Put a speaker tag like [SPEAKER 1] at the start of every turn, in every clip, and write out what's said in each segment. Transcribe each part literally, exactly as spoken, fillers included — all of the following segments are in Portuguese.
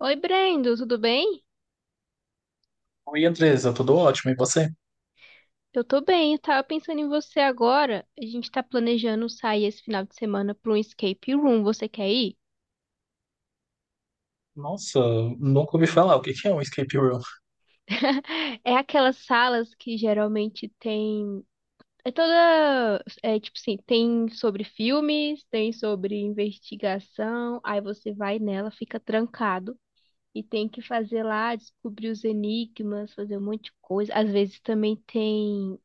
[SPEAKER 1] Oi, Brendo, tudo bem?
[SPEAKER 2] Oi, Andresa, tudo ótimo. E você?
[SPEAKER 1] Eu tô bem, eu tava pensando em você agora. A gente tá planejando sair esse final de semana pra um escape room. Você quer ir?
[SPEAKER 2] Nossa, nunca ouvi falar. O que que é um escape room?
[SPEAKER 1] É aquelas salas que geralmente tem. É toda. É tipo assim, tem sobre filmes, tem sobre investigação. Aí você vai nela, fica trancado e tem que fazer lá, descobrir os enigmas, fazer um monte de coisa. Às vezes também tem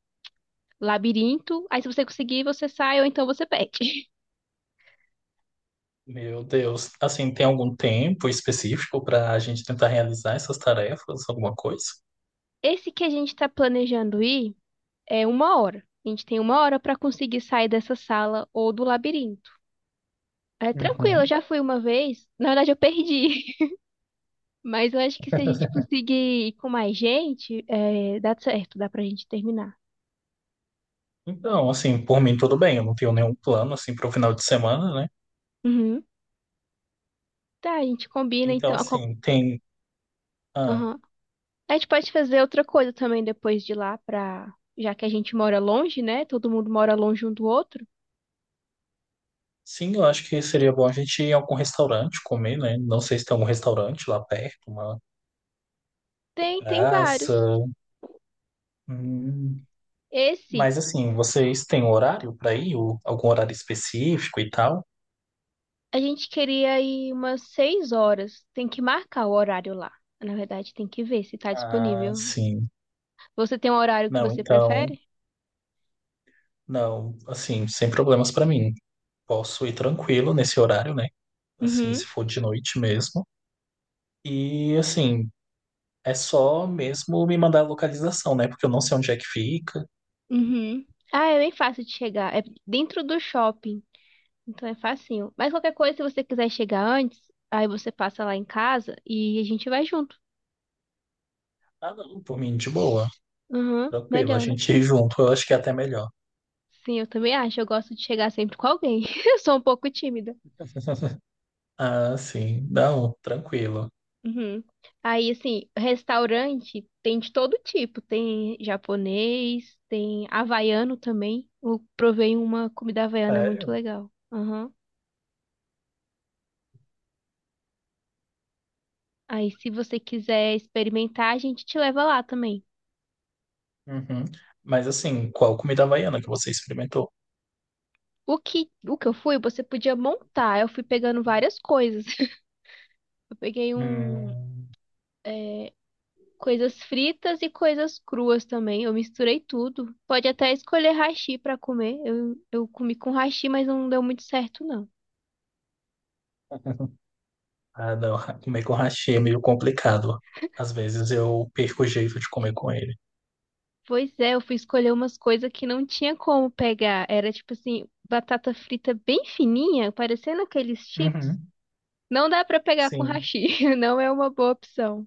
[SPEAKER 1] labirinto. Aí se você conseguir, você sai ou então você perde.
[SPEAKER 2] Meu Deus. Assim, tem algum tempo específico para a gente tentar realizar essas tarefas, alguma coisa?
[SPEAKER 1] Esse que a gente está planejando ir é uma hora. A gente tem uma hora para conseguir sair dessa sala ou do labirinto. É tranquilo, eu
[SPEAKER 2] Uhum.
[SPEAKER 1] já fui uma vez. Na verdade, eu perdi. Mas eu acho que se a gente conseguir ir com mais gente, é, dá certo, dá pra gente terminar.
[SPEAKER 2] Então, assim, por mim tudo bem. Eu não tenho nenhum plano, assim, para o final de semana, né?
[SPEAKER 1] Uhum. Tá, a gente combina
[SPEAKER 2] Então,
[SPEAKER 1] então. A, qual-
[SPEAKER 2] assim, tem... Ah,
[SPEAKER 1] Aham. A gente pode fazer outra coisa também depois de lá, pra... já que a gente mora longe, né? Todo mundo mora longe um do outro.
[SPEAKER 2] sim, eu acho que seria bom a gente ir a algum restaurante comer, né? Não sei se tem algum restaurante lá perto, uma
[SPEAKER 1] Tem, tem vários.
[SPEAKER 2] praça... Hum.
[SPEAKER 1] Esse.
[SPEAKER 2] Mas, assim, vocês têm um horário para ir? Ou algum horário específico e tal?
[SPEAKER 1] A gente queria ir umas seis horas. Tem que marcar o horário lá. Na verdade, tem que ver se tá
[SPEAKER 2] Ah,
[SPEAKER 1] disponível.
[SPEAKER 2] sim.
[SPEAKER 1] Você tem um horário que
[SPEAKER 2] Não,
[SPEAKER 1] você
[SPEAKER 2] então,
[SPEAKER 1] prefere?
[SPEAKER 2] não, assim, sem problemas pra mim. Posso ir tranquilo nesse horário, né? Assim,
[SPEAKER 1] Uhum,
[SPEAKER 2] se for de noite mesmo. E, assim, é só mesmo me mandar a localização, né? Porque eu não sei onde é que fica.
[SPEAKER 1] uhum. Ah, é bem fácil de chegar. É dentro do shopping. Então é facinho. Mas qualquer coisa, se você quiser chegar antes, aí você passa lá em casa e a gente vai junto.
[SPEAKER 2] Ah, não, por mim, de boa.
[SPEAKER 1] Uhum,
[SPEAKER 2] Tranquilo, a
[SPEAKER 1] melhor, né?
[SPEAKER 2] gente ir junto, eu acho que é até melhor.
[SPEAKER 1] Sim, eu também acho. Eu gosto de chegar sempre com alguém. Eu sou um pouco tímida.
[SPEAKER 2] Ah, sim. Não, tranquilo.
[SPEAKER 1] Uhum. Aí, assim, restaurante tem de todo tipo. Tem japonês, tem havaiano também. Eu provei uma comida havaiana muito
[SPEAKER 2] Sério?
[SPEAKER 1] legal. Aham. Aí, se você quiser experimentar, a gente te leva lá também.
[SPEAKER 2] Uhum. Mas, assim, qual comida havaiana que você experimentou?
[SPEAKER 1] O que, o que eu fui, você podia montar. Eu fui pegando várias coisas. Eu peguei um,
[SPEAKER 2] Hum.
[SPEAKER 1] é, coisas fritas e coisas cruas também. Eu misturei tudo. Pode até escolher hashi pra comer. Eu, eu comi com hashi, mas não deu muito certo, não.
[SPEAKER 2] Ah, não. Comer com hashi é meio complicado. Às vezes eu perco o jeito de comer com ele.
[SPEAKER 1] Pois é, eu fui escolher umas coisas que não tinha como pegar. Era tipo assim, batata frita bem fininha, parecendo aqueles chips.
[SPEAKER 2] Uhum.
[SPEAKER 1] Não dá pra pegar com
[SPEAKER 2] Sim.
[SPEAKER 1] hashi, não é uma boa opção.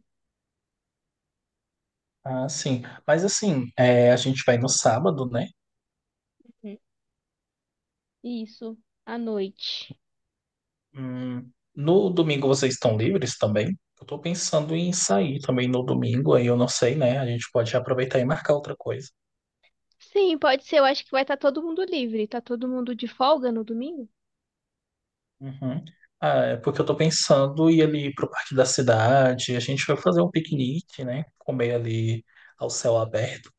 [SPEAKER 2] Ah, sim. Mas assim, é, a gente vai no sábado, né?
[SPEAKER 1] Uhum. Isso, à noite.
[SPEAKER 2] Hum, no domingo vocês estão livres também? Eu tô pensando em sair também no domingo, aí eu não sei, né? A gente pode aproveitar e marcar outra coisa.
[SPEAKER 1] Sim, pode ser. Eu acho que vai estar todo mundo livre. Tá todo mundo de folga no domingo?
[SPEAKER 2] Uhum. Ah, é porque eu tô pensando em ir ali pro parque da cidade, a gente vai fazer um piquenique, né? Comer ali ao céu aberto.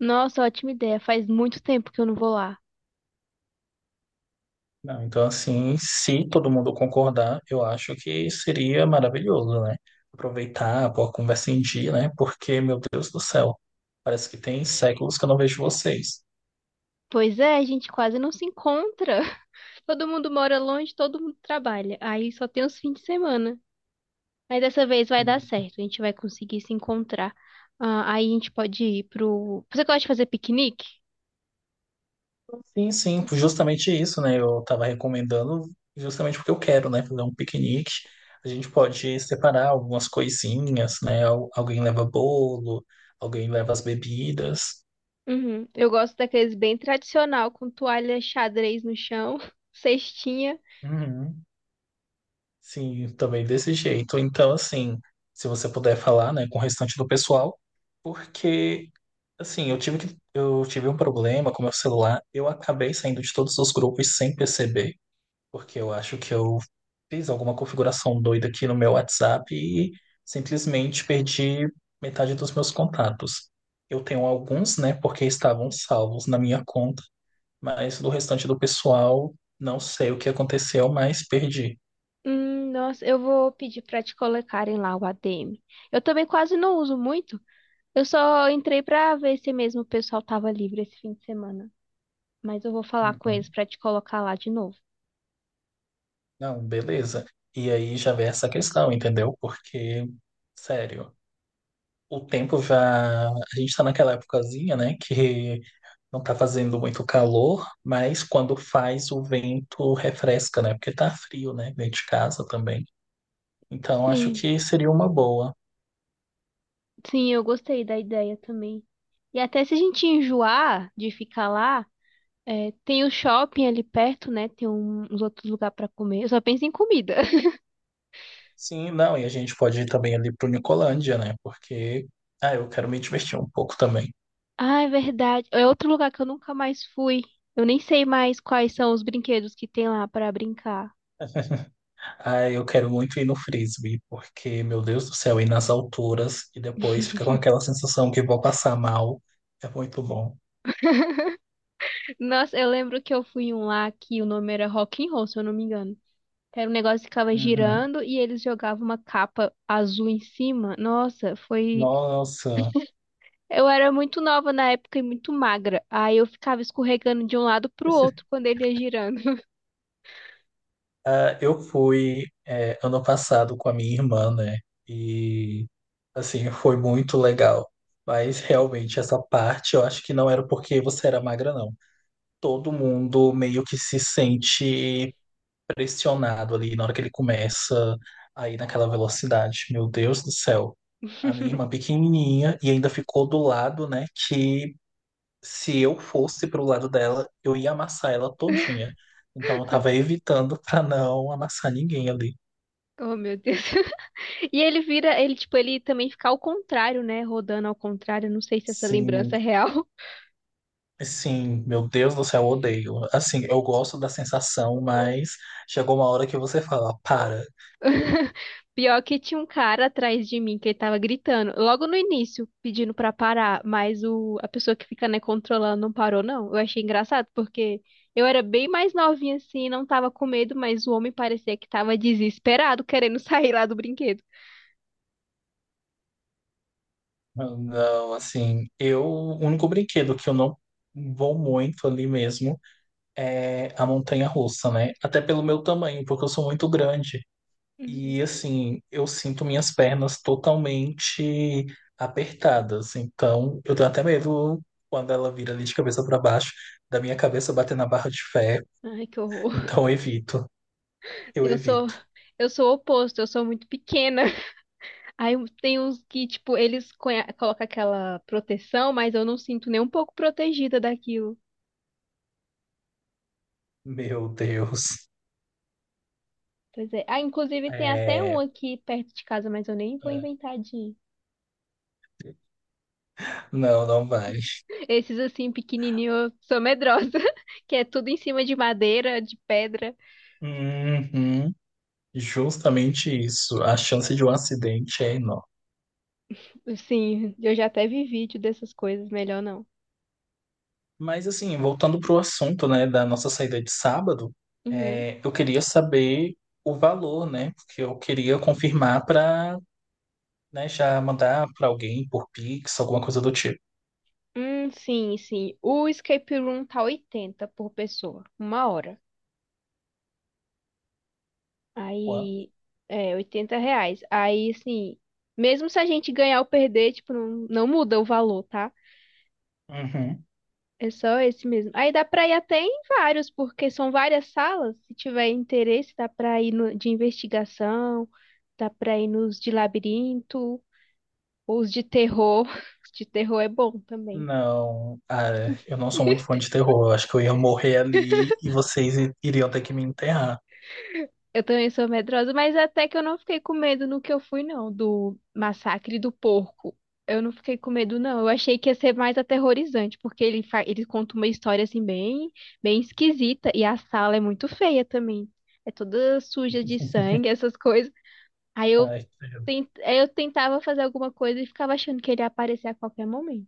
[SPEAKER 1] Nossa, ótima ideia. Faz muito tempo que eu não vou lá.
[SPEAKER 2] Não, então, assim, se todo mundo concordar, eu acho que seria maravilhoso, né? Aproveitar, pôr a conversa em dia, né? Porque, meu Deus do céu, parece que tem séculos que eu não vejo vocês.
[SPEAKER 1] Pois é, a gente quase não se encontra. Todo mundo mora longe, todo mundo trabalha. Aí só tem os fins de semana. Mas dessa vez vai dar certo, a gente vai conseguir se encontrar. Ah, aí a gente pode ir pro. Você gosta de fazer piquenique?
[SPEAKER 2] Sim, sim, justamente isso, né? Eu estava recomendando justamente porque eu quero, né? Fazer um piquenique. A gente pode separar algumas coisinhas, né? Al- Alguém leva bolo, alguém leva as bebidas.
[SPEAKER 1] Uhum. Eu gosto daqueles bem tradicional, com toalha xadrez no chão, cestinha.
[SPEAKER 2] Uhum. Sim, também desse jeito. Então, assim, se você puder falar, né, com o restante do pessoal, porque, assim, eu tive que, eu tive um problema com meu celular, eu acabei saindo de todos os grupos sem perceber, porque eu acho que eu fiz alguma configuração doida aqui no meu WhatsApp e simplesmente perdi metade dos meus contatos. Eu tenho alguns, né, porque estavam salvos na minha conta, mas do restante do pessoal, não sei o que aconteceu, mas perdi.
[SPEAKER 1] Hum, nossa, eu vou pedir pra te colocarem lá o A D M. Eu também quase não uso muito. Eu só entrei pra ver se mesmo o pessoal tava livre esse fim de semana. Mas eu vou falar com eles
[SPEAKER 2] Uhum.
[SPEAKER 1] pra te colocar lá de novo.
[SPEAKER 2] Não, beleza. E aí já vem essa questão, entendeu? Porque, sério, o tempo já. A gente tá naquela épocazinha, né? Que não tá fazendo muito calor, mas quando faz o vento refresca, né? Porque tá frio, né? Dentro de casa também. Então acho
[SPEAKER 1] Sim,
[SPEAKER 2] que seria uma boa.
[SPEAKER 1] sim, eu gostei da ideia também. E até se a gente enjoar de ficar lá, é, tem o shopping ali perto, né? Tem um- uns outros lugares pra comer. Eu só penso em comida.
[SPEAKER 2] Sim, não, e a gente pode ir também ali pro Nicolândia, né? Porque, ah, eu quero me divertir um pouco também.
[SPEAKER 1] Ah, é verdade. É outro lugar que eu nunca mais fui. Eu nem sei mais quais são os brinquedos que tem lá pra brincar.
[SPEAKER 2] Ah, eu quero muito ir no frisbee, porque, meu Deus do céu, ir nas alturas e depois fica com aquela sensação que vou passar mal. É muito bom.
[SPEAKER 1] Nossa, eu lembro que eu fui em um lá que o nome era Rock'n'Roll, se eu não me engano. Era um negócio que ficava
[SPEAKER 2] Uhum.
[SPEAKER 1] girando e eles jogavam uma capa azul em cima. Nossa, foi.
[SPEAKER 2] Nossa.
[SPEAKER 1] Eu era muito nova na época e muito magra. Aí eu ficava escorregando de um lado pro outro quando ele ia girando.
[SPEAKER 2] Ah, eu fui, é, ano passado com a minha irmã, né? E, assim, foi muito legal. Mas, realmente, essa parte eu acho que não era porque você era magra, não. Todo mundo meio que se sente pressionado ali na hora que ele começa aí naquela velocidade. Meu Deus do céu. A minha irmã pequenininha e ainda ficou do lado, né, que se eu fosse pro lado dela, eu ia amassar ela todinha. Então eu tava evitando pra não amassar ninguém ali.
[SPEAKER 1] Oh, meu Deus. E ele vira, ele, tipo, ele também fica ao contrário, né? Rodando ao contrário. Não sei se essa
[SPEAKER 2] Sim,
[SPEAKER 1] lembrança é real.
[SPEAKER 2] sim, meu Deus do céu, eu odeio. Assim, eu gosto da sensação, mas chegou uma hora que você fala, para.
[SPEAKER 1] Pior que tinha um cara atrás de mim que ele tava gritando, logo no início, pedindo pra parar, mas o, a pessoa que fica, né, controlando não parou, não. Eu achei engraçado, porque eu era bem mais novinha assim, não tava com medo, mas o homem parecia que tava desesperado, querendo sair lá do brinquedo.
[SPEAKER 2] Não, assim, eu, o único brinquedo que eu não vou muito ali mesmo é a montanha russa, né? Até pelo meu tamanho, porque eu sou muito grande.
[SPEAKER 1] Uhum.
[SPEAKER 2] E assim, eu sinto minhas pernas totalmente apertadas. Então, eu tenho até medo quando ela vira ali de cabeça para baixo, da minha cabeça bater na barra de ferro.
[SPEAKER 1] Ai, que horror.
[SPEAKER 2] Então, eu evito. Eu
[SPEAKER 1] Eu sou,
[SPEAKER 2] evito.
[SPEAKER 1] eu sou o oposto, eu sou muito pequena. Aí um, tem uns que, tipo, eles conhe- colocam aquela proteção, mas eu não sinto nem um pouco protegida daquilo.
[SPEAKER 2] Meu Deus.
[SPEAKER 1] Pois é. Ah, inclusive tem até um
[SPEAKER 2] É,
[SPEAKER 1] aqui perto de casa, mas eu nem vou
[SPEAKER 2] é.
[SPEAKER 1] inventar de ir.
[SPEAKER 2] Não, não vai.
[SPEAKER 1] Esses assim, pequenininho, eu sou medrosa, que é tudo em cima de madeira, de pedra.
[SPEAKER 2] Uhum, justamente isso. A chance de um acidente é enorme.
[SPEAKER 1] Sim, eu já até vi vídeo dessas coisas, melhor não.
[SPEAKER 2] Mas assim, voltando para o assunto, né, da nossa saída de sábado,
[SPEAKER 1] Uhum.
[SPEAKER 2] é, eu queria saber o valor, né, porque eu queria confirmar para, né, já mandar para alguém por Pix, alguma coisa do tipo.
[SPEAKER 1] Hum, sim, sim. O escape room tá oitenta por pessoa, uma hora.
[SPEAKER 2] Ué?
[SPEAKER 1] Aí, é, oitenta reais. Aí, assim, mesmo se a gente ganhar ou perder, tipo, não, não muda o valor, tá?
[SPEAKER 2] Uhum.
[SPEAKER 1] É só esse mesmo. Aí dá pra ir até em vários, porque são várias salas. Se tiver interesse, dá pra ir no, de investigação, dá pra ir nos de labirinto, ou os de terror. Os de terror é bom também.
[SPEAKER 2] Não, ah, eu não sou muito fã de terror. Eu acho que eu ia morrer ali e vocês i- iriam ter que me enterrar.
[SPEAKER 1] Eu também sou medrosa, mas até que eu não fiquei com medo no que eu fui, não, do massacre do porco. Eu não fiquei com medo, não. Eu achei que ia ser mais aterrorizante, porque ele, fa... ele conta uma história assim bem, bem esquisita e a sala é muito feia também. É toda suja de sangue, essas coisas. Aí eu,
[SPEAKER 2] Ai,
[SPEAKER 1] tent... aí eu tentava fazer alguma coisa e ficava achando que ele ia aparecer a qualquer momento.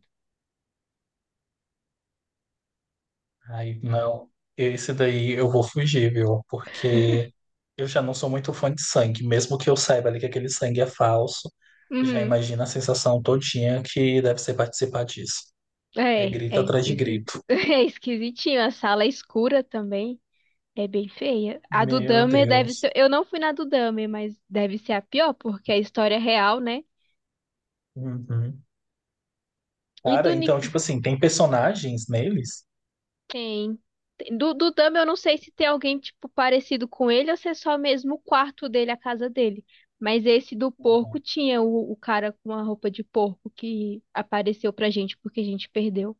[SPEAKER 2] ai, não. Esse daí eu vou fugir, viu? Porque eu já não sou muito fã de sangue. Mesmo que eu saiba ali que aquele sangue é falso, já
[SPEAKER 1] Uhum.
[SPEAKER 2] imagina a sensação todinha que deve ser participar disso. É
[SPEAKER 1] É,
[SPEAKER 2] grito
[SPEAKER 1] é
[SPEAKER 2] atrás de
[SPEAKER 1] esquisito.
[SPEAKER 2] grito.
[SPEAKER 1] É esquisitinho. A sala é escura também. É bem feia. A do
[SPEAKER 2] Meu
[SPEAKER 1] Dahmer deve
[SPEAKER 2] Deus.
[SPEAKER 1] ser. Eu não fui na do Dahmer, mas deve ser a pior, porque é a história é real, né?
[SPEAKER 2] Uhum.
[SPEAKER 1] E
[SPEAKER 2] Cara,
[SPEAKER 1] do Nick.
[SPEAKER 2] então, tipo assim, tem personagens neles?
[SPEAKER 1] Tem. tem- Do, do Dahmer, eu não sei se tem alguém, tipo, parecido com ele ou se é só mesmo o quarto dele, a casa dele. Mas esse do porco tinha o, o cara com a roupa de porco que apareceu pra gente porque a gente perdeu.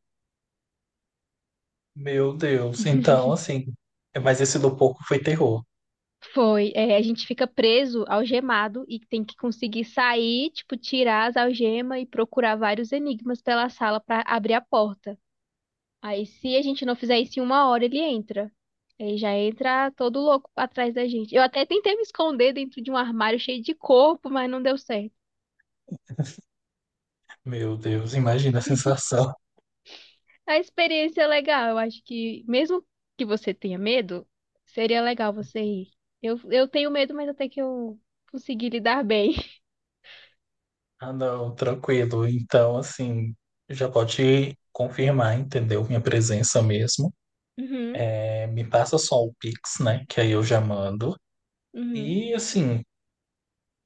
[SPEAKER 2] Meu Deus. Então, assim, mas esse do porco foi terror.
[SPEAKER 1] Foi. É, a gente fica preso, algemado, e tem que conseguir sair, tipo, tirar as algemas e procurar vários enigmas pela sala pra abrir a porta. Aí, se a gente não fizer isso em uma hora, ele entra. Ele já entra todo louco atrás da gente. Eu até tentei me esconder dentro de um armário cheio de corpo, mas não deu certo.
[SPEAKER 2] Meu Deus, imagina a sensação.
[SPEAKER 1] A experiência é legal. Eu acho que, mesmo que você tenha medo, seria legal você ir. Eu, eu tenho medo, mas até que eu consegui lidar bem.
[SPEAKER 2] Ah, não, tranquilo. Então, assim, já pode confirmar, entendeu? Minha presença mesmo.
[SPEAKER 1] Uhum,
[SPEAKER 2] É, me passa só o Pix, né? Que aí eu já mando.
[SPEAKER 1] uhum,
[SPEAKER 2] E, assim,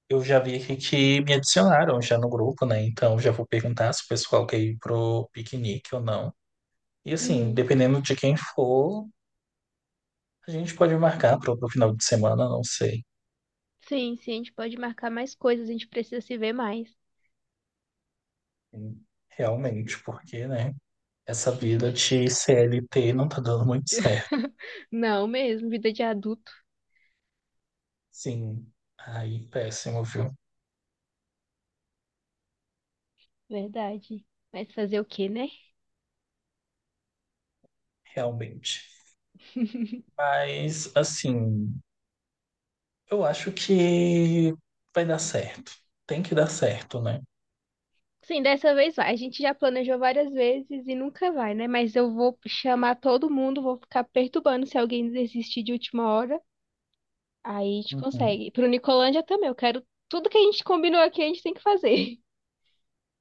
[SPEAKER 2] eu já vi aqui que me adicionaram já no grupo, né? Então, já vou perguntar se o pessoal quer ir pro piquenique ou não. E, assim,
[SPEAKER 1] uhum.
[SPEAKER 2] dependendo de quem for, a gente pode marcar pro, pro final de semana, não sei.
[SPEAKER 1] Sim, sim, a gente pode marcar mais coisas, a gente precisa se ver mais.
[SPEAKER 2] Realmente, porque, né? Essa vida de C L T não tá dando muito certo.
[SPEAKER 1] Não mesmo, vida de adulto.
[SPEAKER 2] Sim. Aí, péssimo, viu?
[SPEAKER 1] Verdade. Mas fazer o quê, né?
[SPEAKER 2] Realmente. Mas, assim, eu acho que vai dar certo. Tem que dar certo, né?
[SPEAKER 1] Sim, dessa vez vai. A gente já planejou várias vezes e nunca vai, né? Mas eu vou chamar todo mundo, vou ficar perturbando se alguém desistir de última hora. Aí a gente
[SPEAKER 2] Uhum.
[SPEAKER 1] consegue. Pro Nicolândia também, eu quero tudo que a gente combinou aqui, a gente tem que fazer.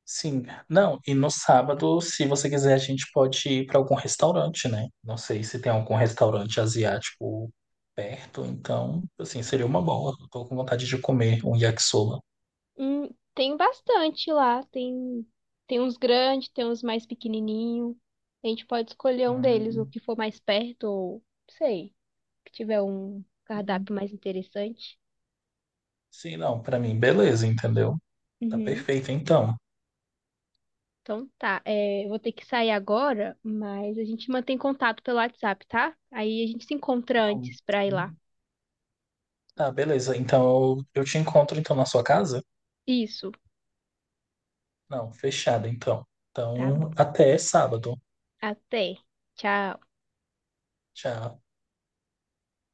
[SPEAKER 2] Sim. Não, e no sábado, se você quiser, a gente pode ir para algum restaurante, né? Não sei se tem algum restaurante asiático perto, então, assim, seria uma boa. Eu tô com vontade de comer um yakisoba.
[SPEAKER 1] Hum, tem bastante lá, tem tem uns grandes, tem uns mais pequenininhos. A gente pode escolher um deles, o
[SPEAKER 2] Hum,
[SPEAKER 1] que for mais perto ou sei, que tiver um
[SPEAKER 2] uhum.
[SPEAKER 1] cardápio mais interessante.
[SPEAKER 2] Sim, não, para mim, beleza, entendeu? Tá
[SPEAKER 1] Uhum.
[SPEAKER 2] perfeito, então.
[SPEAKER 1] Então tá, é, eu vou ter que sair agora, mas a gente mantém contato pelo WhatsApp, tá? Aí a gente se encontra
[SPEAKER 2] Não.
[SPEAKER 1] antes pra ir lá.
[SPEAKER 2] Sim. Tá, beleza. Então, eu eu te encontro então na sua casa?
[SPEAKER 1] Isso,
[SPEAKER 2] Não, fechado então.
[SPEAKER 1] tá bom.
[SPEAKER 2] Então, até sábado.
[SPEAKER 1] Até. Tchau.
[SPEAKER 2] Tchau.